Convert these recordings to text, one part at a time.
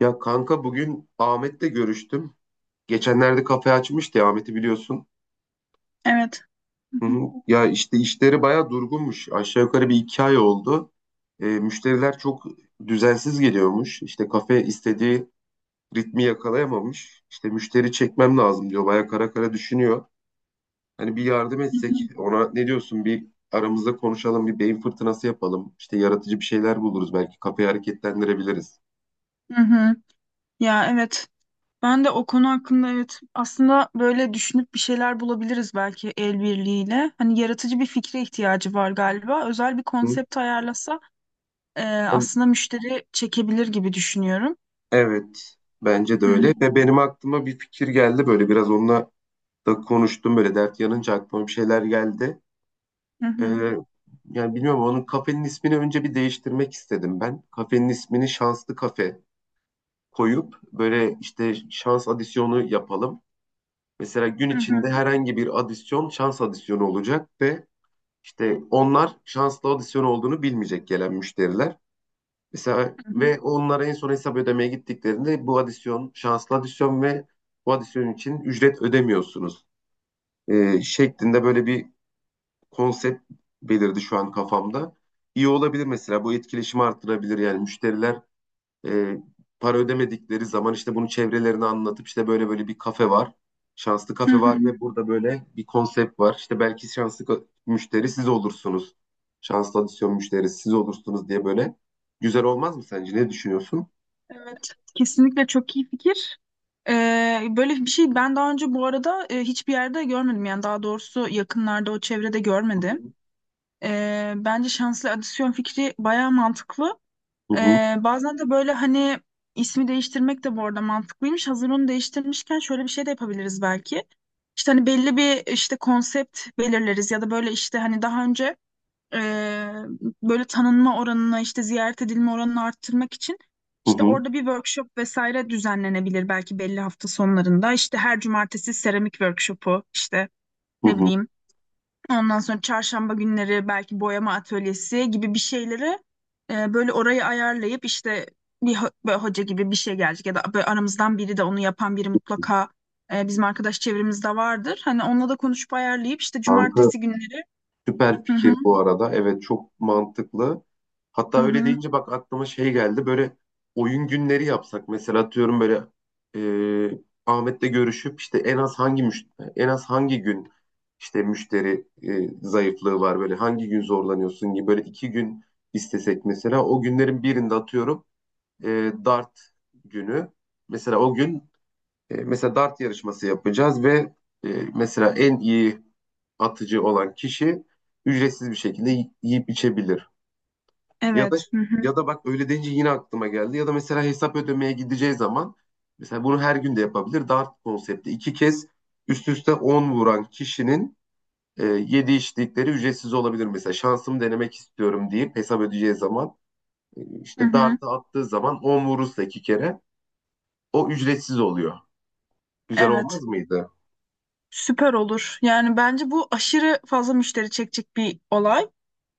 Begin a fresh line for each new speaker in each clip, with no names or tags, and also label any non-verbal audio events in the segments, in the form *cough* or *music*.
Ya kanka bugün Ahmet'le görüştüm. Geçenlerde kafe açmıştı ya, Ahmet'i biliyorsun.
Evet. Hı
Hı hı.
hı.
Ya işte işleri bayağı durgunmuş. Aşağı yukarı bir iki ay oldu. Müşteriler çok düzensiz geliyormuş. İşte kafe istediği ritmi yakalayamamış. İşte müşteri çekmem lazım diyor. Bayağı kara kara düşünüyor. Hani bir yardım
Hı hı.
etsek ona ne diyorsun, bir aramızda konuşalım, bir beyin fırtınası yapalım. İşte yaratıcı bir şeyler buluruz, belki kafeyi hareketlendirebiliriz.
Hı hı. Ya evet. Ben de o konu hakkında evet aslında böyle düşünüp bir şeyler bulabiliriz belki el birliğiyle. Hani yaratıcı bir fikre ihtiyacı var galiba. Özel bir konsept ayarlasa
Hı?
aslında müşteri çekebilir gibi düşünüyorum.
Evet, bence de
Hı
öyle.
hı.
Ve benim aklıma bir fikir geldi, böyle biraz onunla da konuştum, böyle dert yanınca aklıma bir şeyler geldi.
Hı hı.
Ee, yani bilmiyorum, onun kafenin ismini önce bir değiştirmek istedim ben. Kafenin ismini Şanslı Kafe koyup böyle işte şans adisyonu yapalım. Mesela gün
Hı
içinde
hı.
herhangi bir adisyon şans adisyonu olacak ve işte onlar şanslı adisyon olduğunu bilmeyecek, gelen müşteriler. Mesela
Hı hı.
ve onlara en son hesap ödemeye gittiklerinde bu adisyon şanslı adisyon ve bu adisyon için ücret ödemiyorsunuz şeklinde böyle bir konsept belirdi şu an kafamda. İyi olabilir mesela, bu etkileşimi arttırabilir, yani müşteriler e, para ödemedikleri zaman işte bunu çevrelerine anlatıp, işte böyle böyle bir kafe var. Şanslı
Hı
kafe
hı.
var ve burada böyle bir konsept var. İşte belki şanslı müşteri siz olursunuz. Şanslı adisyon müşterisi siz olursunuz diye böyle, güzel olmaz mı sence? Ne düşünüyorsun?
Evet. Kesinlikle çok iyi fikir. Böyle bir şey ben daha önce bu arada hiçbir yerde görmedim. Yani daha doğrusu yakınlarda o çevrede
Hı
görmedim.
hı
Bence şanslı adisyon fikri bayağı mantıklı.
hı
Bazen de böyle hani ismi değiştirmek de bu arada mantıklıymış. Hazır onu değiştirmişken şöyle bir şey de yapabiliriz belki. İşte hani belli bir işte konsept belirleriz ya da böyle işte hani daha önce ee, böyle tanınma oranını işte ziyaret edilme oranını arttırmak için
hı
işte
hı.
orada bir workshop vesaire düzenlenebilir belki belli hafta sonlarında. İşte her cumartesi seramik workshopu işte
Hı
ne
hı. Hı.
bileyim. Ondan sonra çarşamba günleri belki boyama atölyesi gibi bir şeyleri böyle orayı ayarlayıp işte bir böyle hoca gibi bir şey gelecek ya da böyle aramızdan biri de onu yapan biri mutlaka bizim arkadaş çevremizde vardır. Hani onunla da konuşup ayarlayıp işte
Kanka
cumartesi günleri.
süper
Hı hı,
fikir bu arada. Evet, çok mantıklı. Hatta
hı
öyle
hı,
deyince bak aklıma şey geldi. Böyle oyun günleri yapsak mesela, atıyorum böyle, e, Ahmet'le görüşüp, işte en az hangi müşteri, en az hangi gün, işte müşteri zayıflığı var, böyle hangi gün zorlanıyorsun gibi, böyle iki gün istesek mesela o günlerin birinde atıyorum e, dart günü. Mesela o gün, E, mesela dart yarışması yapacağız ve e, mesela en iyi atıcı olan kişi ücretsiz bir şekilde yiyip içebilir. Ya da,
evet. Hı hı,
ya da bak öyle deyince yine aklıma geldi. Ya da mesela hesap ödemeye gideceği zaman, mesela bunu her gün de yapabilir. Dart konsepti, iki kez üst üste 10 vuran kişinin yedi içtikleri ücretsiz olabilir. Mesela şansımı denemek istiyorum deyip hesap ödeyeceği zaman
hı
işte
hı,
dartı attığı zaman 10 vurursa iki kere o ücretsiz oluyor. Güzel olmaz
evet.
mıydı?
Süper olur. Yani bence bu aşırı fazla müşteri çekecek bir olay.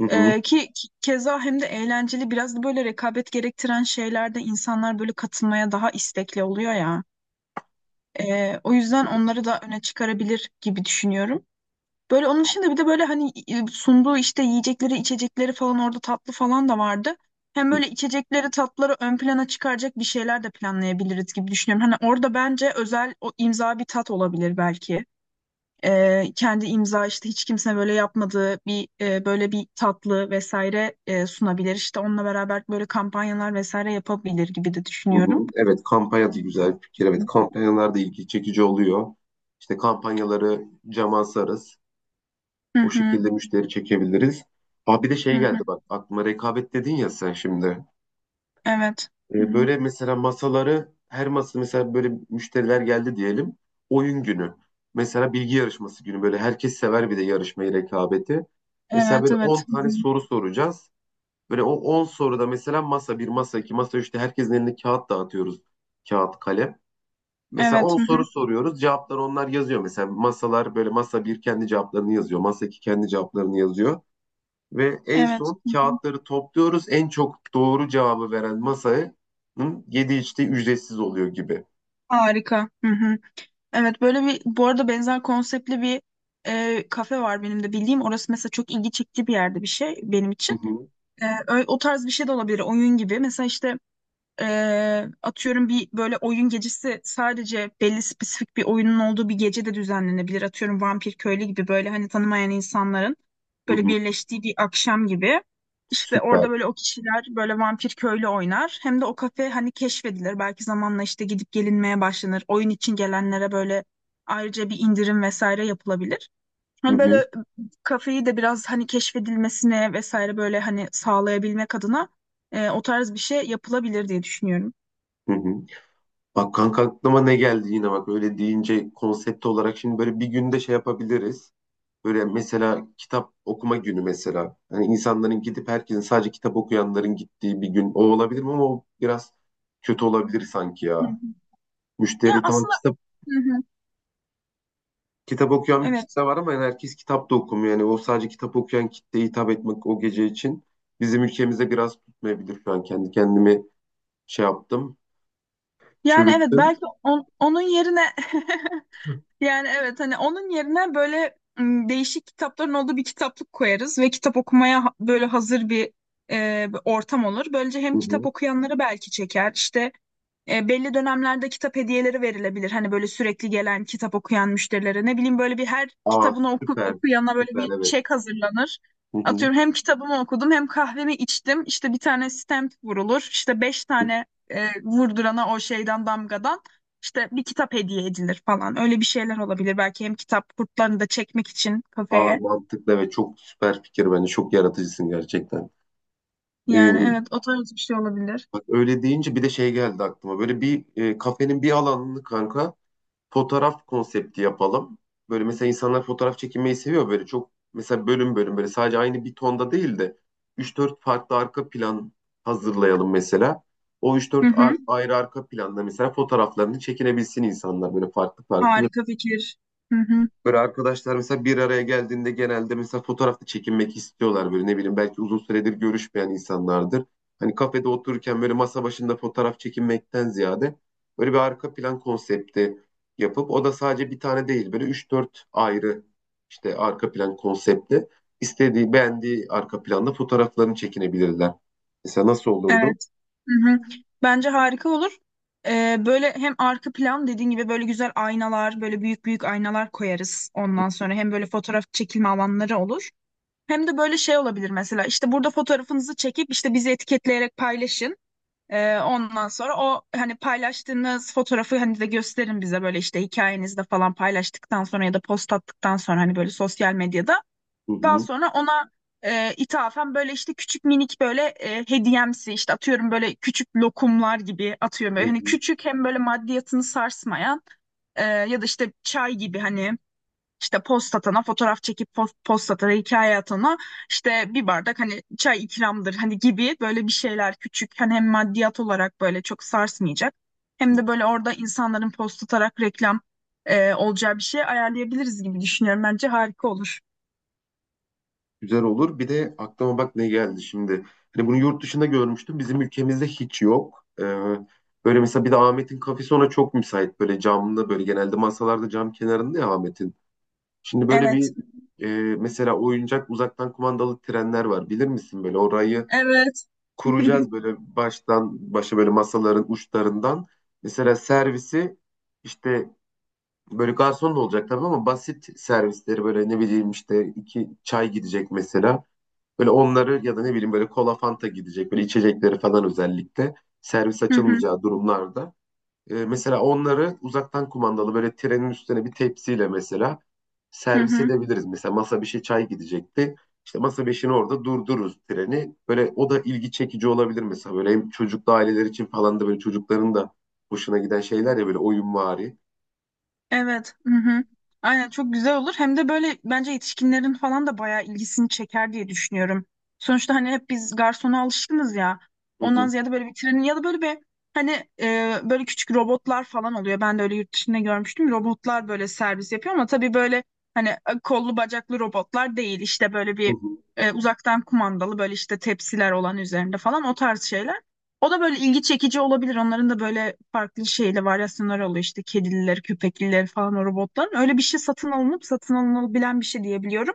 Hı hı.
Keza hem de eğlenceli biraz da böyle rekabet gerektiren şeylerde insanlar böyle katılmaya daha istekli oluyor ya. O yüzden onları da öne çıkarabilir gibi düşünüyorum. Böyle onun dışında bir de böyle hani sunduğu işte yiyecekleri, içecekleri falan orada tatlı falan da vardı. Hem böyle içecekleri, tatları ön plana çıkaracak bir şeyler de planlayabiliriz gibi düşünüyorum. Hani orada bence özel o imza bir tat olabilir belki. E, kendi imza işte hiç kimse böyle yapmadığı bir böyle bir tatlı vesaire sunabilir. İşte onunla beraber böyle kampanyalar vesaire yapabilir gibi de
Hı
düşünüyorum.
hı. Evet, kampanya da güzel bir fikir. Evet, kampanyalar da ilgi çekici oluyor. İşte kampanyaları cama asarız.
Hı
O
hı,
şekilde müşteri çekebiliriz. Aa, bir de
hı
şey
hı.
geldi bak aklıma, rekabet dedin ya sen şimdi.
Evet. Hı hı.
Böyle mesela masaları, her masa mesela, böyle müşteriler geldi diyelim. Oyun günü. Mesela bilgi yarışması günü, böyle herkes sever bir de yarışmayı, rekabeti. Mesela
Evet,
böyle
evet.
10
Hı
tane
hı.
soru soracağız. Böyle o 10 soruda mesela masa bir, masa iki, masa üçte herkesin eline kağıt dağıtıyoruz. Kağıt, kalem. Mesela
Evet,
10
hı
soru
hı.
soruyoruz. Cevapları onlar yazıyor. Mesela masalar, böyle masa bir kendi cevaplarını yazıyor, masa 2 kendi cevaplarını yazıyor. Ve en
Evet.
son
Hı hı.
kağıtları topluyoruz. En çok doğru cevabı veren masaya yedi içtiği ücretsiz oluyor gibi.
Harika. Hı hı. Evet böyle bir bu arada benzer konseptli bir kafe var benim de bildiğim. Orası mesela çok ilgi çekici bir yerde bir şey benim
Hı
için.
hı,
O tarz bir şey de olabilir oyun gibi. Mesela işte atıyorum bir böyle oyun gecesi sadece belli spesifik bir oyunun olduğu bir gece de düzenlenebilir. Atıyorum Vampir Köylü gibi böyle hani tanımayan insanların
hı
böyle
hı.
birleştiği bir akşam gibi. İşte
Süper.
orada böyle o kişiler böyle Vampir Köylü oynar. Hem de o kafe hani keşfedilir. Belki zamanla işte gidip gelinmeye başlanır. Oyun için gelenlere böyle ayrıca bir indirim vesaire yapılabilir.
Hı
Hani böyle
hı,
kafeyi de biraz hani keşfedilmesine vesaire böyle hani sağlayabilmek adına o tarz bir şey yapılabilir diye düşünüyorum.
hı hı. Bak kanka aklıma ne geldi yine, bak öyle deyince konsept olarak şimdi böyle bir günde şey yapabiliriz. Böyle mesela kitap okuma günü mesela. Hani insanların gidip, herkesin sadece kitap okuyanların gittiği bir gün, o olabilir mi? Ama o biraz kötü olabilir sanki
Hı hı.
ya.
Ya
Müşteri tam
aslında, hı hı,
kitap okuyan bir
evet.
kitle var ama yani herkes kitap da okumuyor. Yani o sadece kitap okuyan kitleye hitap etmek o gece için bizim ülkemize biraz tutmayabilir şu an. Kendi kendimi şey yaptım,
Yani evet
çürüttüm.
belki onun yerine, *laughs* yani evet hani onun yerine böyle değişik kitapların olduğu bir kitaplık koyarız ve kitap okumaya böyle hazır bir bir ortam olur. Böylece hem
Hı
kitap
hı.
okuyanları belki çeker işte. E, belli dönemlerde kitap hediyeleri verilebilir. Hani böyle sürekli gelen kitap okuyan müşterilere ne bileyim böyle bir her
Aa
kitabını oku,
süper,
okuyana böyle
süper
bir çek
evet.
hazırlanır.
Hı hı.
Atıyorum hem kitabımı okudum hem kahvemi içtim. İşte bir tane stamp vurulur. İşte beş tane vurdurana o şeyden damgadan işte bir kitap hediye edilir falan. Öyle bir şeyler olabilir. Belki hem kitap kurtlarını da çekmek için
Aa
kafeye.
mantıklı, evet, çok süper fikir bence. Çok yaratıcısın gerçekten. Ee,
Yani evet o tarz bir şey olabilir.
Bak öyle deyince bir de şey geldi aklıma. Böyle bir kafenin bir alanını kanka fotoğraf konsepti yapalım. Böyle mesela insanlar fotoğraf çekinmeyi seviyor böyle çok, mesela bölüm bölüm, böyle sadece aynı bir tonda değil de 3-4 farklı arka plan hazırlayalım mesela. O üç
Hı
dört
hı.
ayrı arka planda mesela fotoğraflarını çekinebilsin insanlar, böyle farklı farklı.
Harika fikir. Hı hı.
Böyle arkadaşlar mesela bir araya geldiğinde genelde mesela fotoğrafta çekinmek istiyorlar, böyle ne bileyim, belki uzun süredir görüşmeyen insanlardır. Hani kafede otururken böyle masa başında fotoğraf çekinmekten ziyade böyle bir arka plan konsepti yapıp, o da sadece bir tane değil böyle üç dört ayrı işte arka plan konsepti, istediği beğendiği arka planda fotoğraflarını çekinebilirler. Mesela nasıl olurdu?
Evet. Hı hı. Bence harika olur. Böyle hem arka plan dediğin gibi böyle güzel aynalar, böyle büyük büyük aynalar koyarız ondan sonra. Hem böyle fotoğraf çekilme alanları olur. Hem de böyle şey olabilir mesela işte burada fotoğrafınızı çekip işte bizi etiketleyerek paylaşın. Ondan sonra o hani paylaştığınız fotoğrafı hani de gösterin bize böyle işte hikayenizde falan paylaştıktan sonra ya da post attıktan sonra hani böyle sosyal medyada.
Hı
Daha
hı.
sonra ona ithafen böyle işte küçük minik böyle hediyemsi işte atıyorum böyle küçük lokumlar gibi atıyorum.
Hı
Böyle hani
hı.
küçük hem böyle maddiyatını sarsmayan ya da işte çay gibi hani işte post atana fotoğraf çekip post atana hikaye atana işte bir bardak hani çay ikramdır hani gibi böyle bir şeyler küçük hani hem maddiyat olarak böyle çok sarsmayacak hem de böyle orada insanların post atarak reklam olacağı bir şey ayarlayabiliriz gibi düşünüyorum bence harika olur.
Güzel olur. Bir de aklıma bak ne geldi şimdi. Hani bunu yurt dışında görmüştüm. Bizim ülkemizde hiç yok. Böyle mesela bir de Ahmet'in kafesi ona çok müsait. Böyle camlı, böyle genelde masalarda cam kenarında ya Ahmet'in. Şimdi böyle
Evet.
bir e, mesela oyuncak uzaktan kumandalı trenler var. Bilir misin? Böyle orayı
Evet. *laughs*
kuracağız böyle baştan başa böyle masaların uçlarından. Mesela servisi işte böyle garson da olacak tabii ama basit servisleri böyle ne bileyim, işte iki çay gidecek mesela. Böyle onları, ya da ne bileyim, böyle kola fanta gidecek, böyle içecekleri falan, özellikle servis
Hı hı,
açılmayacağı durumlarda. Mesela onları uzaktan kumandalı böyle trenin üstüne bir tepsiyle mesela
hı
servis
hı.
edebiliriz. Mesela masa bir şey çay gidecekti. İşte masa beşini orada durdururuz treni. Böyle o da ilgi çekici olabilir mesela. Böyle hem çocuklu aileler için falan da, böyle çocukların da hoşuna giden şeyler ya, böyle oyunvari.
Evet. Hı hı. Aynen çok güzel olur. Hem de böyle bence yetişkinlerin falan da bayağı ilgisini çeker diye düşünüyorum. Sonuçta hani hep biz garsona alışkınız ya.
Hı
Ondan
hı.
ziyade böyle bir trenin ya da böyle bir hani böyle küçük robotlar falan oluyor. Ben de öyle yurt dışında görmüştüm. Robotlar böyle servis yapıyor ama tabii böyle hani kollu bacaklı robotlar değil. İşte böyle
Hı
bir
hı.
uzaktan kumandalı böyle işte tepsiler olan üzerinde falan o tarz şeyler. O da böyle ilgi çekici olabilir. Onların da böyle farklı şeyle varyasyonları oluyor. İşte kedililer, köpekliler falan o robotların. Öyle bir şey satın alınıp satın alınabilen bir şey diyebiliyorum.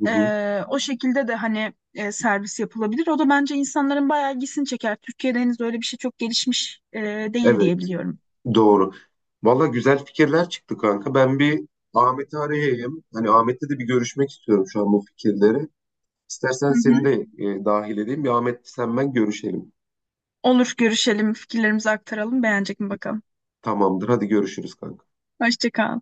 Hı hı.
O şekilde de hani servis yapılabilir. O da bence insanların bayağı ilgisini çeker. Türkiye'de henüz öyle bir şey çok gelişmiş değil
Evet.
diyebiliyorum.
Doğru. Valla güzel fikirler çıktı kanka. Ben bir Ahmet'i arayayım. Hani Ahmet'le de bir görüşmek istiyorum şu an bu fikirleri. İstersen
Hı hı.
seni de dahil edeyim. Bir Ahmet, sen, ben görüşelim.
Olur görüşelim, fikirlerimizi aktaralım. Beğenecek mi bakalım.
Tamamdır. Hadi görüşürüz kanka.
Hoşça kal.